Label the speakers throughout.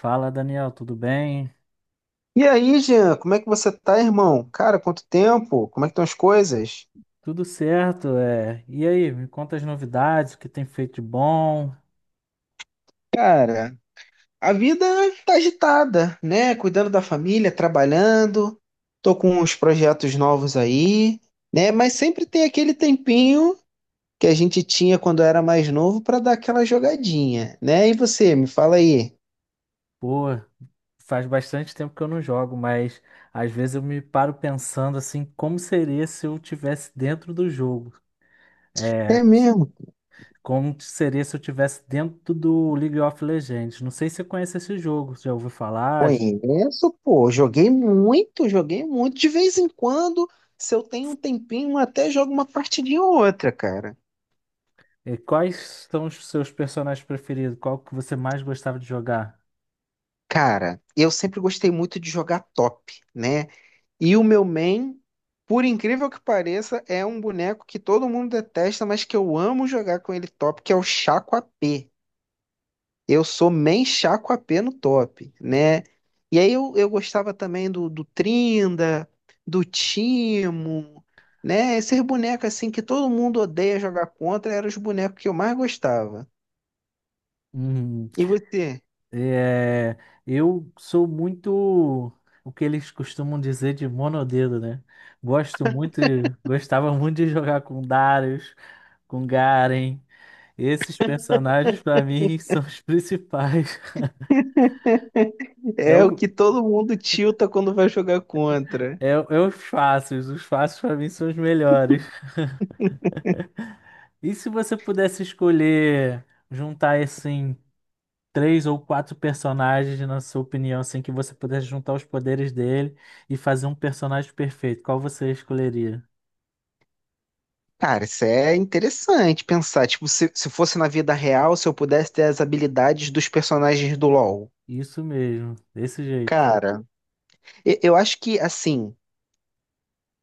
Speaker 1: Fala, Daniel, tudo bem?
Speaker 2: E aí, Jean, como é que você tá, irmão? Cara, quanto tempo? Como é que estão as coisas?
Speaker 1: Tudo certo, é. E aí, me conta as novidades, o que tem feito de bom?
Speaker 2: Cara, a vida tá agitada, né? Cuidando da família, trabalhando, tô com uns projetos novos aí, né? Mas sempre tem aquele tempinho que a gente tinha quando era mais novo pra dar aquela jogadinha, né? E você, me fala aí.
Speaker 1: Pô, faz bastante tempo que eu não jogo, mas às vezes eu me paro pensando assim, como seria se eu tivesse dentro do jogo? É,
Speaker 2: É mesmo?
Speaker 1: como seria se eu tivesse dentro do League of Legends? Não sei se você conhece esse jogo, já ouviu falar?
Speaker 2: Conheço, pô. Joguei muito, joguei muito. De vez em quando, se eu tenho um tempinho, até jogo uma partidinha ou outra, cara.
Speaker 1: E quais são os seus personagens preferidos? Qual que você mais gostava de jogar?
Speaker 2: Cara, eu sempre gostei muito de jogar top, né? E o meu main, por incrível que pareça, é um boneco que todo mundo detesta, mas que eu amo jogar com ele top, que é o Chaco AP. Eu sou main Chaco AP no top, né? E aí eu gostava também do Trinda, do Timo, né? Esses bonecos assim que todo mundo odeia jogar contra eram os bonecos que eu mais gostava. E você?
Speaker 1: É, eu sou muito o que eles costumam dizer de monodedo, né? Gosto muito, gostava muito de jogar com Darius, com Garen. Esses personagens pra mim são os principais. É,
Speaker 2: É o que todo mundo tilta quando vai jogar contra.
Speaker 1: é os fáceis pra mim são os melhores. E se você pudesse escolher juntar assim três ou quatro personagens, na sua opinião, assim que você pudesse juntar os poderes dele e fazer um personagem perfeito, qual você escolheria?
Speaker 2: Cara, isso é interessante pensar. Tipo, se fosse na vida real, se eu pudesse ter as habilidades dos personagens do LoL.
Speaker 1: Isso mesmo, desse jeito.
Speaker 2: Cara, acho que, assim,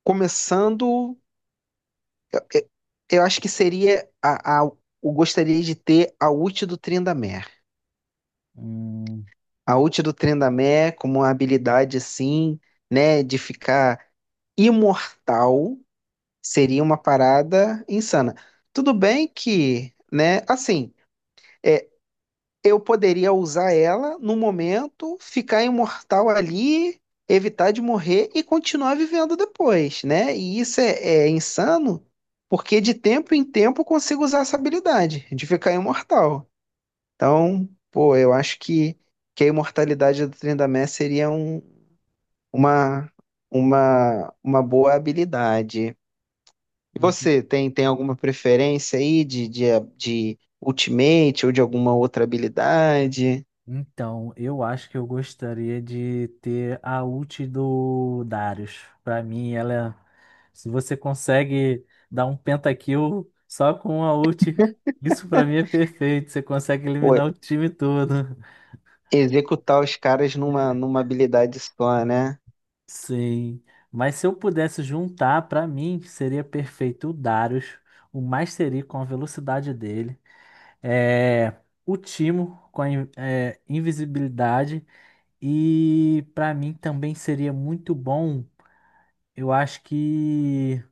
Speaker 2: começando, e- eu acho que seria eu gostaria de ter a ult do Tryndamere.
Speaker 1: Hum,
Speaker 2: A ult do Tryndamere como uma habilidade, assim, né, de ficar imortal seria uma parada insana. Tudo bem que, né, assim. é, eu poderia usar ela no momento, ficar imortal ali, evitar de morrer e continuar vivendo depois, né? E isso é, é insano, porque de tempo em tempo eu consigo usar essa habilidade de ficar imortal. Então, pô, eu acho que a imortalidade do Trindamé seria uma, uma boa habilidade. E
Speaker 1: en-
Speaker 2: você, tem alguma preferência aí de Ultimate ou de alguma outra habilidade?
Speaker 1: então, eu acho que eu gostaria de ter a ult do Darius. Pra mim, ela, se você consegue dar um pentakill só com a ult, isso pra mim é perfeito. Você consegue eliminar o time todo.
Speaker 2: Executar os caras numa, numa habilidade só, né?
Speaker 1: Sim, mas se eu pudesse juntar, pra mim seria perfeito o Darius, o Mastery com a velocidade dele. É, o Timo com a invisibilidade. E pra mim também seria muito bom. Eu acho que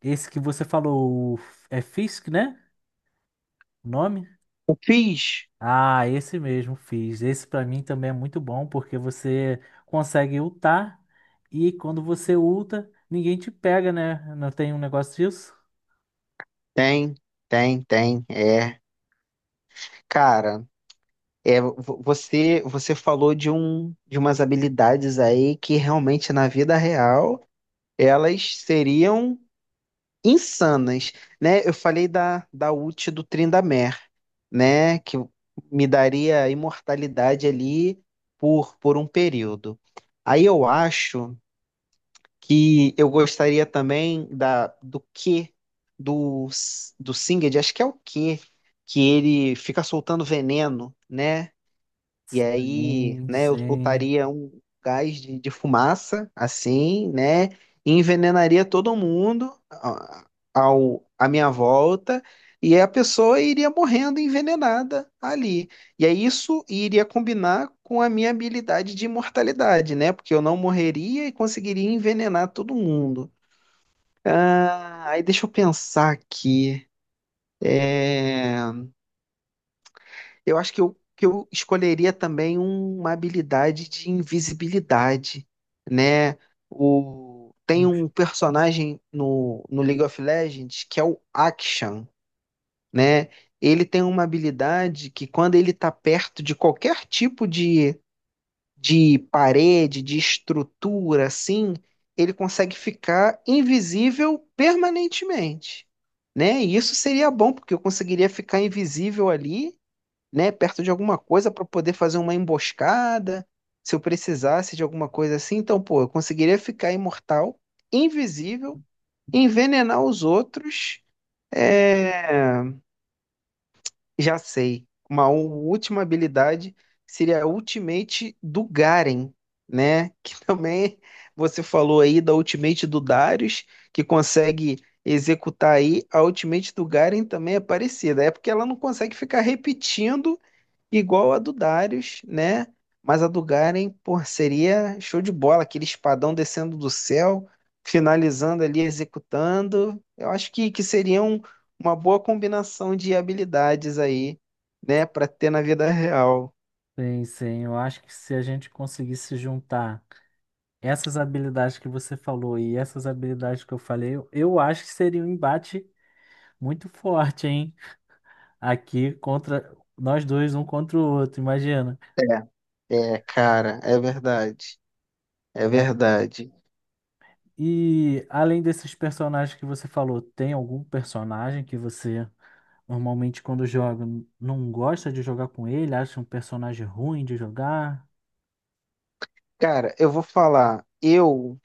Speaker 1: esse que você falou o Fisk, né? O nome?
Speaker 2: O Fizz
Speaker 1: Ah, esse mesmo, Fisk. Esse pra mim também é muito bom porque você consegue ultar e quando você ulta, ninguém te pega, né? Não tem um negócio disso?
Speaker 2: tem, é. Cara, é, você falou de um de umas habilidades aí que realmente na vida real elas seriam insanas, né? Eu falei da ult do Tryndamere, né, que me daria imortalidade ali por um período. Aí eu acho que eu gostaria também da do que do do Singed, acho que é o que ele fica soltando veneno, né? E aí,
Speaker 1: Sim,
Speaker 2: né, eu
Speaker 1: sim.
Speaker 2: soltaria um gás de fumaça, assim, né, e envenenaria todo mundo à minha volta, e a pessoa iria morrendo envenenada ali. E aí isso iria combinar com a minha habilidade de imortalidade, né, porque eu não morreria e conseguiria envenenar todo mundo. Ah, aí deixa eu pensar aqui. É... Eu acho que que eu escolheria também uma habilidade de invisibilidade, né? O, tem um personagem no League of Legends que é o Akshan, né? Ele tem uma habilidade que quando ele está perto de qualquer tipo de parede, de estrutura, assim, ele consegue ficar invisível permanentemente, né? E isso seria bom, porque eu conseguiria ficar invisível ali, né, perto de alguma coisa para poder fazer uma emboscada, se eu precisasse de alguma coisa assim. Então, pô, eu conseguiria ficar imortal, invisível, envenenar os outros. É, já sei. Uma última habilidade seria a Ultimate do Garen, né? Que também você falou aí da Ultimate do Darius, que consegue executar aí. A Ultimate do Garen também é parecida. É porque ela não consegue ficar repetindo igual a do Darius, né? Mas a do Garen, pô, seria show de bola, aquele espadão descendo do céu, finalizando ali, executando. Eu acho que seria uma boa combinação de habilidades aí, né, para ter na vida real.
Speaker 1: Sim, sim. Eu acho que se a gente conseguisse juntar. Essas habilidades que você falou e essas habilidades que eu falei, eu acho que seria um embate muito forte, hein? Aqui contra nós dois, um contra o outro, imagina.
Speaker 2: É, é, cara, é verdade. É
Speaker 1: É,
Speaker 2: verdade.
Speaker 1: e além desses personagens que você falou, tem algum personagem que você normalmente quando joga não gosta de jogar com ele, acha um personagem ruim de jogar?
Speaker 2: Cara, eu vou falar, eu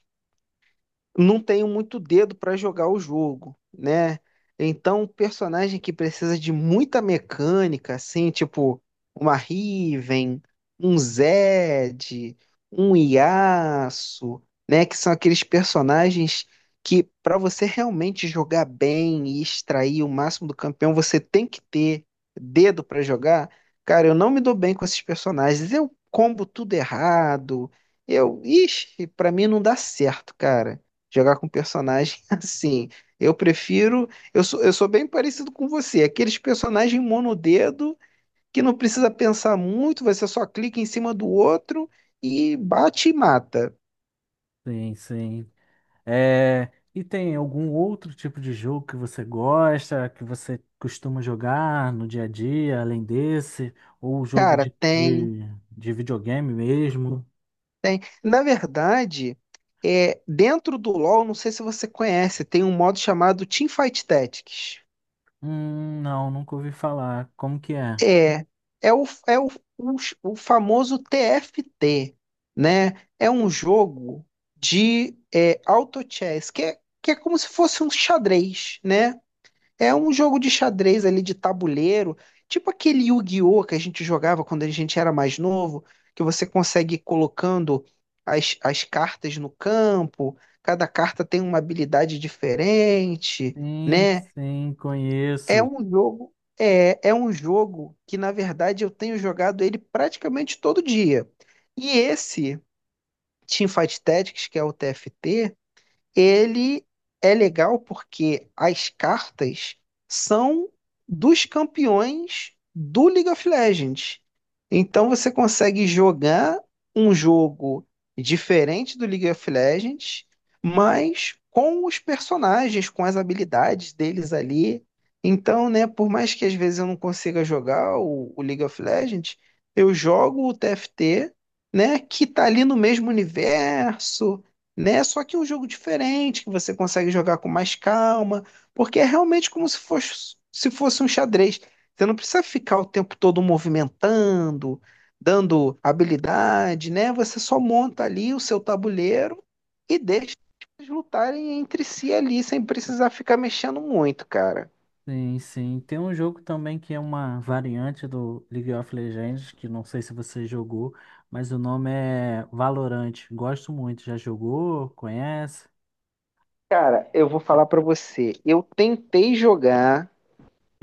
Speaker 2: não tenho muito dedo para jogar o jogo, né? Então, um personagem que precisa de muita mecânica, assim, tipo uma Riven, um Zed, um Yasuo, né? Que são aqueles personagens que, para você realmente jogar bem e extrair o máximo do campeão, você tem que ter dedo para jogar. Cara, eu não me dou bem com esses personagens. Eu combo tudo errado. Eu, ixi, para mim não dá certo, cara, jogar com personagem assim. Eu prefiro. Eu sou bem parecido com você. Aqueles personagens monodedo que não precisa pensar muito, você só clica em cima do outro e bate e mata.
Speaker 1: Sim, sim. É, e tem algum outro tipo de jogo que você gosta, que você costuma jogar no dia a dia, além desse? Ou jogo
Speaker 2: Cara,
Speaker 1: de videogame mesmo?
Speaker 2: tem. Na verdade, é, dentro do LoL, não sei se você conhece, tem um modo chamado Teamfight Tactics.
Speaker 1: Não, nunca ouvi falar. Como que é?
Speaker 2: É, é o, é o, o, o famoso TFT, né? É um jogo de é, auto chess, que é como se fosse um xadrez, né? É um jogo de xadrez ali de tabuleiro, tipo aquele Yu-Gi-Oh! Que a gente jogava quando a gente era mais novo, que você consegue ir colocando as cartas no campo, cada carta tem uma habilidade diferente,
Speaker 1: Sim,
Speaker 2: né?
Speaker 1: sim,
Speaker 2: É
Speaker 1: conheço.
Speaker 2: um jogo, é, é um jogo que, na verdade, eu tenho jogado ele praticamente todo dia. E esse Teamfight Tactics, que é o TFT, ele é legal porque as cartas são dos campeões do League of Legends. Então você consegue jogar um jogo diferente do League of Legends, mas com os personagens, com as habilidades deles ali. Então, né, por mais que às vezes eu não consiga jogar o League of Legends, eu jogo o TFT, né, que tá ali no mesmo universo, né? Só que é um jogo diferente, que você consegue jogar com mais calma, porque é realmente como se fosse um xadrez. Você não precisa ficar o tempo todo movimentando, dando habilidade, né? Você só monta ali o seu tabuleiro e deixa eles lutarem entre si ali, sem precisar ficar mexendo muito, cara.
Speaker 1: Sim, sim. Tem um jogo também que é uma variante do League of Legends, que não sei se você jogou, mas o nome é Valorant. Gosto muito. Já jogou? Conhece?
Speaker 2: Cara, eu vou falar pra você, eu tentei jogar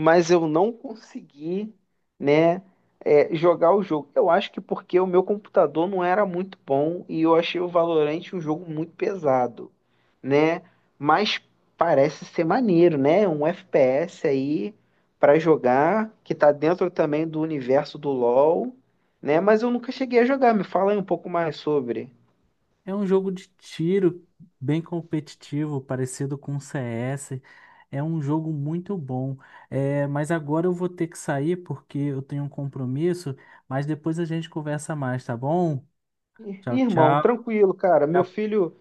Speaker 2: mas eu não consegui, né, é, jogar o jogo. Eu acho que porque o meu computador não era muito bom e eu achei o Valorant um jogo muito pesado, né? Mas parece ser maneiro, né? Um FPS aí para jogar que tá dentro também do universo do LoL, né? Mas eu nunca cheguei a jogar. Me fala aí um pouco mais sobre.
Speaker 1: É um jogo de tiro bem competitivo, parecido com o CS. É um jogo muito bom. É, mas agora eu vou ter que sair porque eu tenho um compromisso. Mas depois a gente conversa mais, tá bom?
Speaker 2: Ih,
Speaker 1: Tchau,
Speaker 2: irmão,
Speaker 1: tchau.
Speaker 2: tranquilo, cara. Meu
Speaker 1: Tá
Speaker 2: filho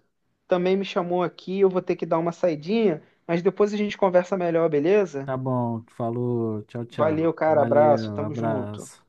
Speaker 2: também me chamou aqui. Eu vou ter que dar uma saidinha, mas depois a gente conversa melhor, beleza?
Speaker 1: tá bom. Falou. Tchau, tchau.
Speaker 2: Valeu, cara. Abraço.
Speaker 1: Valeu.
Speaker 2: Tamo junto.
Speaker 1: Abraço.